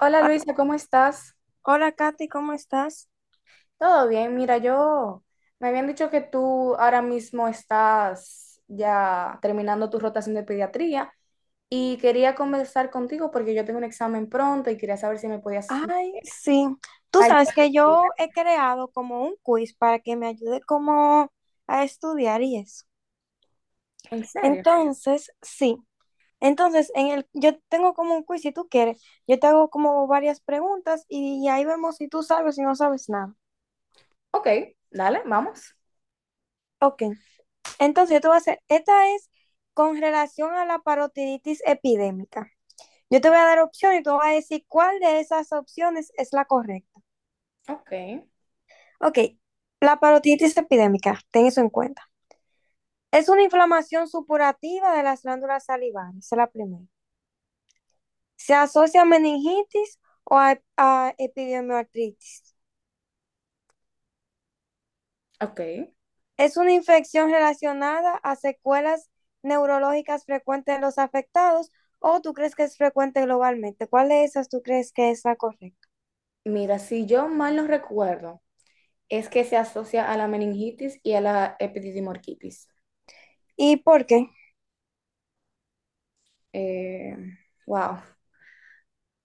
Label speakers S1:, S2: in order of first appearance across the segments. S1: Hola Luisa, ¿cómo estás?
S2: Hola, Katy, ¿cómo estás?
S1: Todo bien, mira, yo me habían dicho que tú ahora mismo estás ya terminando tu rotación de pediatría y quería conversar contigo porque yo tengo un examen pronto y quería saber si me podías
S2: Ay, sí. Tú sabes que yo
S1: ayudar.
S2: he creado como un quiz para que me ayude como a estudiar y eso.
S1: ¿En serio?
S2: Entonces, sí. Entonces, yo tengo como un quiz, si tú quieres, yo te hago como varias preguntas y ahí vemos si tú sabes y no sabes nada.
S1: Ok, dale, vamos.
S2: Ok. Entonces, yo te voy a hacer, esta es con relación a la parotiditis epidémica. Yo te voy a dar opciones y tú vas a decir cuál de esas opciones es la correcta.
S1: Ok,
S2: Ok, la parotiditis epidémica, ten eso en cuenta. Es una inflamación supurativa de las glándulas salivares, esa es la primera. Se asocia a meningitis o a epidemioartritis.
S1: ok.
S2: Es una infección relacionada a secuelas neurológicas frecuentes en los afectados o tú crees que es frecuente globalmente. ¿Cuál de esas tú crees que es la correcta?
S1: Mira, si yo mal no recuerdo, es que se asocia a la meningitis y a la epididimorquitis.
S2: ¿Y por qué?
S1: Eh, wow.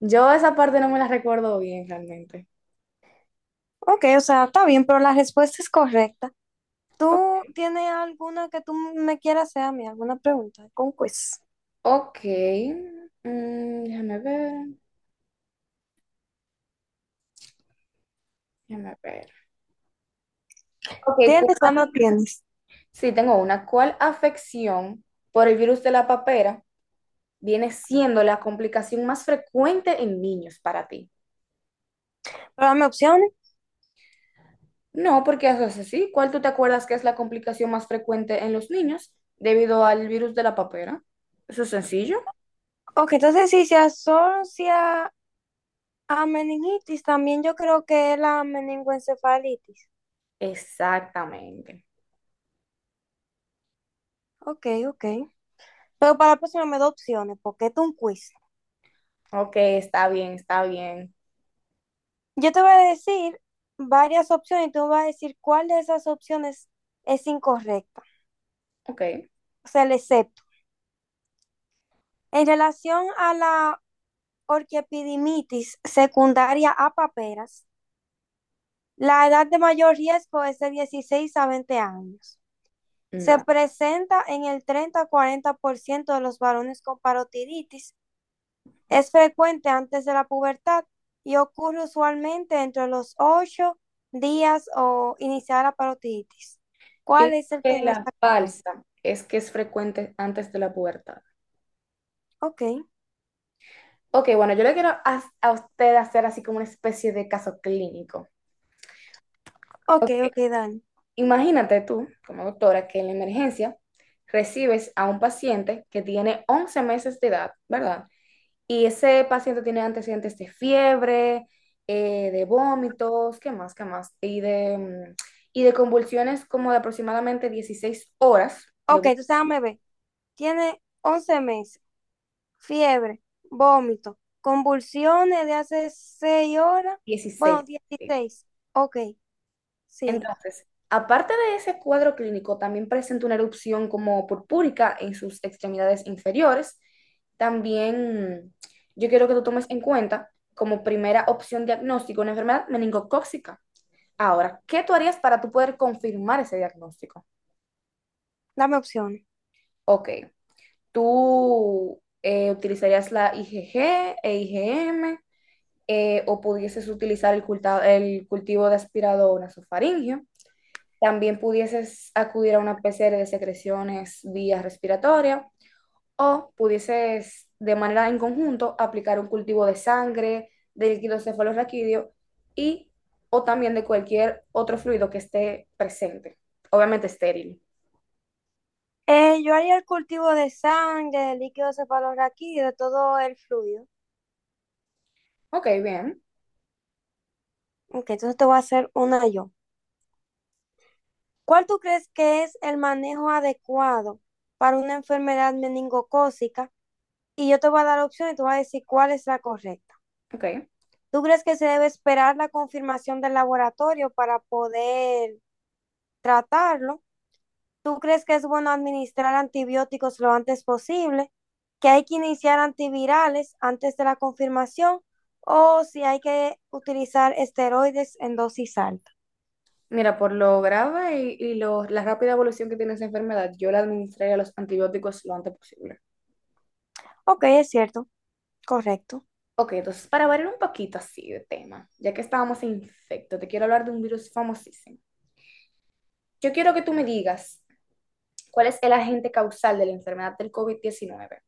S1: Yo esa parte no me la recuerdo bien realmente.
S2: Ok, o sea, está bien, pero la respuesta es correcta.
S1: O-
S2: ¿Tú tienes alguna que tú me quieras hacer a mí? ¿Alguna pregunta? Con quiz.
S1: Ok. Déjame ver, déjame ver. Ok,
S2: ¿Tienes o no tienes?
S1: sí, tengo una. ¿Cuál afección por el virus de la papera viene siendo la complicación más frecuente en niños para ti?
S2: Pero dame opciones.
S1: No, porque eso es así. ¿Cuál tú te acuerdas que es la complicación más frecuente en los niños debido al virus de la papera? Eso es sencillo.
S2: Ok, entonces si se asocia a meningitis, también yo creo que es la meningoencefalitis.
S1: Exactamente.
S2: Ok, ok. Pero para la próxima me da opciones, porque esto es un quiz.
S1: Ok, está bien, está bien.
S2: Yo te voy a decir varias opciones y tú me vas a decir cuál de esas opciones es incorrecta.
S1: Ok,
S2: O sea, el excepto. En relación a la orquiepidimitis secundaria a paperas, la edad de mayor riesgo es de 16 a 20 años. Se
S1: no.
S2: presenta en el 30 a 40 por ciento de los varones con parotiritis. Es frecuente antes de la pubertad y ocurre usualmente entre los 8 días o iniciar la parotiditis.
S1: Yo
S2: ¿Cuál
S1: digo
S2: es el
S1: que
S2: que no
S1: la
S2: está correcto?
S1: balsa es que es frecuente antes de la pubertad.
S2: Ok,
S1: Ok, bueno, yo le quiero a usted hacer así como una especie de caso clínico.
S2: ok,
S1: Ok,
S2: ok, Dani.
S1: imagínate tú, como doctora, que en la emergencia recibes a un paciente que tiene 11 meses de edad, ¿verdad? Y ese paciente tiene antecedentes de fiebre, de vómitos, ¿qué más, qué más? Y de convulsiones como de aproximadamente 16 horas, de
S2: Ok, entonces déjame ver. Tiene 11 meses, fiebre, vómito, convulsiones de hace 6 horas, bueno,
S1: 16.
S2: 16. Ok, sí,
S1: Entonces, aparte de ese cuadro clínico, también presenta una erupción como purpúrica en sus extremidades inferiores. También yo quiero que tú tomes en cuenta como primera opción diagnóstico una enfermedad meningocócica. Ahora, ¿qué tú harías para tú poder confirmar ese diagnóstico?
S2: dame opciones.
S1: Ok, tú utilizarías la IgG e IgM, o pudieses utilizar el cultivo de aspirado nasofaríngeo. También pudieses acudir a una PCR de secreciones vía respiratoria, o pudieses de manera en conjunto aplicar un cultivo de sangre, de líquido cefalorraquídeo y o también de cualquier otro fluido que esté presente, obviamente estéril.
S2: Yo haría el cultivo de sangre, de líquido cefalorraquídeo, de todo el fluido.
S1: Ok, bien,
S2: Ok, entonces te voy a hacer una yo. ¿Cuál tú crees que es el manejo adecuado para una enfermedad meningocócica? Y yo te voy a dar opciones y tú vas a decir cuál es la correcta.
S1: ok.
S2: ¿Tú crees que se debe esperar la confirmación del laboratorio para poder tratarlo? ¿Tú crees que es bueno administrar antibióticos lo antes posible? ¿Que hay que iniciar antivirales antes de la confirmación? ¿O si hay que utilizar esteroides en dosis alta?
S1: Mira, por lo grave y la rápida evolución que tiene esa enfermedad, yo le administraría los antibióticos lo antes posible.
S2: Ok, es cierto, correcto.
S1: Ok, entonces para variar un poquito así de tema, ya que estábamos en infecto, te quiero hablar de un virus famosísimo. Yo quiero que tú me digas cuál es el agente causal de la enfermedad del COVID-19.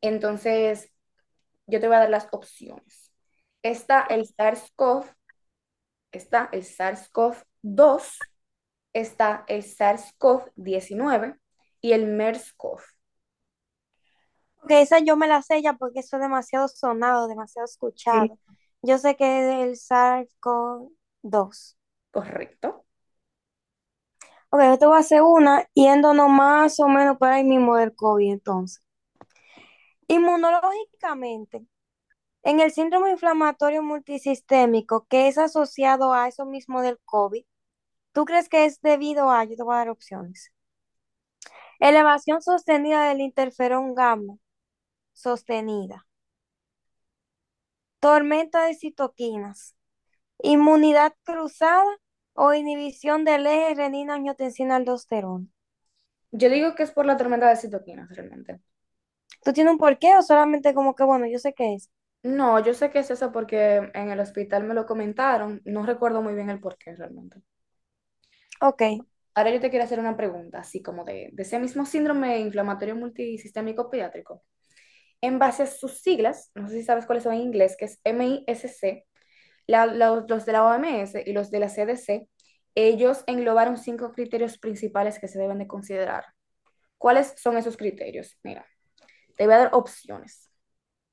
S1: Entonces, yo te voy a dar las opciones. Está el SARS-CoV, está el SARS-CoV-2, está el SARS-CoV-19 y el MERS-CoV.
S2: Ok, esa yo me la sé ya porque eso es demasiado sonado, demasiado
S1: Sí.
S2: escuchado. Yo sé que es el SARS-CoV-2.
S1: Correcto.
S2: Ok, yo te voy a hacer una yéndonos más o menos por ahí mismo del COVID entonces. Inmunológicamente, en el síndrome inflamatorio multisistémico que es asociado a eso mismo del COVID, ¿tú crees que es debido a, yo te voy a dar opciones, elevación sostenida del interferón gamma, sostenida, tormenta de citoquinas, inmunidad cruzada o inhibición del eje renina angiotensina aldosterona?
S1: Yo digo que es por la tormenta de citoquinas realmente.
S2: ¿Tú tienes un porqué o solamente como que, bueno, yo sé qué es?
S1: No, yo sé que es eso porque en el hospital me lo comentaron. No recuerdo muy bien el porqué realmente.
S2: Ok,
S1: Ahora yo te quiero hacer una pregunta, así como de ese mismo síndrome inflamatorio multisistémico pediátrico. En base a sus siglas, no sé si sabes cuáles son en inglés, que es MISC, los de la OMS y los de la CDC, ellos englobaron cinco criterios principales que se deben de considerar. ¿Cuáles son esos criterios? Mira, te voy a dar opciones.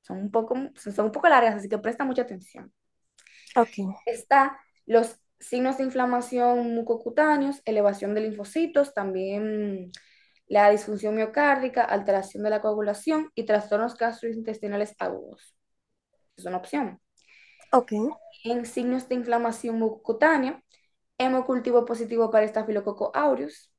S1: Son un poco largas, así que presta mucha atención.
S2: ok,
S1: Está los signos de inflamación mucocutáneos, elevación de linfocitos, también la disfunción miocárdica, alteración de la coagulación y trastornos gastrointestinales agudos. Es una opción.
S2: ok.
S1: En signos de inflamación mucocutánea, hemocultivo positivo para estafilococo aureus,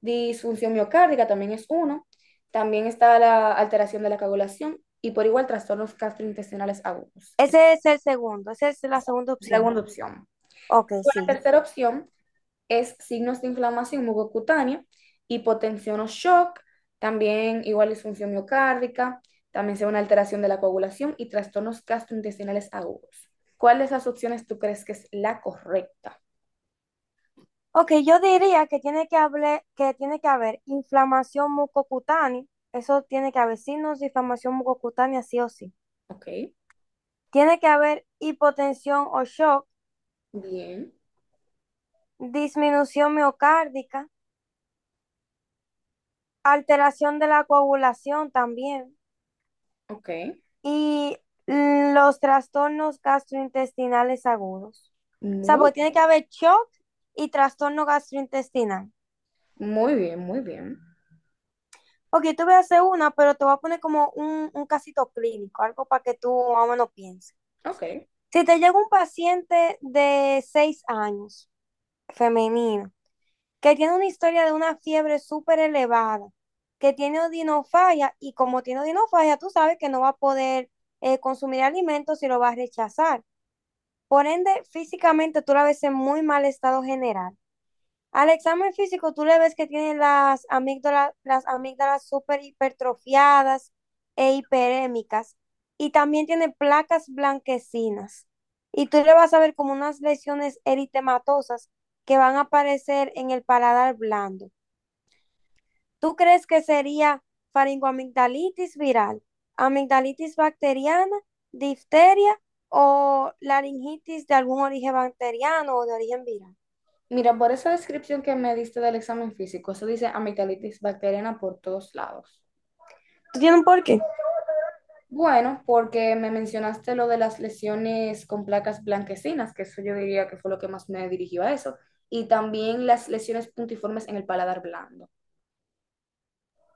S1: disfunción miocárdica también es uno, también está la alteración de la coagulación y por igual trastornos gastrointestinales agudos. Es
S2: Ese es el segundo, esa es la segunda
S1: la
S2: opción.
S1: segunda opción.
S2: Ok,
S1: La
S2: sigue.
S1: tercera opción es signos de inflamación mucocutánea, hipotensión o shock, también igual disfunción miocárdica, también sea una alteración de la coagulación y trastornos gastrointestinales agudos. ¿Cuál de esas opciones tú crees que es la correcta?
S2: Ok, yo diría que tiene que que tiene que haber inflamación mucocutánea, eso tiene que haber signos de inflamación mucocutánea sí o sí.
S1: Ok,
S2: Tiene que haber hipotensión o shock,
S1: bien,
S2: disminución miocárdica, alteración de la coagulación también
S1: ok,
S2: y los trastornos gastrointestinales agudos. O sea,
S1: muy,
S2: porque tiene que haber shock y trastorno gastrointestinal.
S1: muy bien,
S2: Ok, tú voy a hacer una, pero te voy a poner como un casito clínico, algo para que tú más o menos pienses.
S1: ok.
S2: Si te llega un paciente de 6 años, femenino, que tiene una historia de una fiebre súper elevada, que tiene odinofagia y como tiene odinofagia, tú sabes que no va a poder consumir alimentos y lo va a rechazar. Por ende, físicamente tú la ves en muy mal estado general. Al examen físico, tú le ves que tiene las amígdalas súper hipertrofiadas e hiperémicas. Y también tiene placas blanquecinas. Y tú le vas a ver como unas lesiones eritematosas que van a aparecer en el paladar blando. ¿Tú crees que sería faringoamigdalitis viral, amigdalitis bacteriana, difteria o laringitis de algún origen bacteriano o de origen viral?
S1: Mira, por esa descripción que me diste del examen físico, eso dice amigdalitis bacteriana por todos lados.
S2: Tiene un porqué.
S1: Bueno, porque me mencionaste lo de las lesiones con placas blanquecinas, que eso yo diría que fue lo que más me dirigió a eso, y también las lesiones puntiformes en el paladar blando.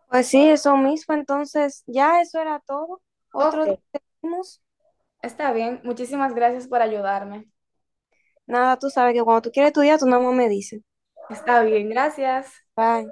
S2: Pues sí, eso mismo. Entonces, ya eso era todo.
S1: Ok,
S2: Otro día seguimos.
S1: está bien. Muchísimas gracias por ayudarme.
S2: Nada, tú sabes que cuando tú quieres estudiar, tú nada más me dices.
S1: Está bien, gracias.
S2: Bye.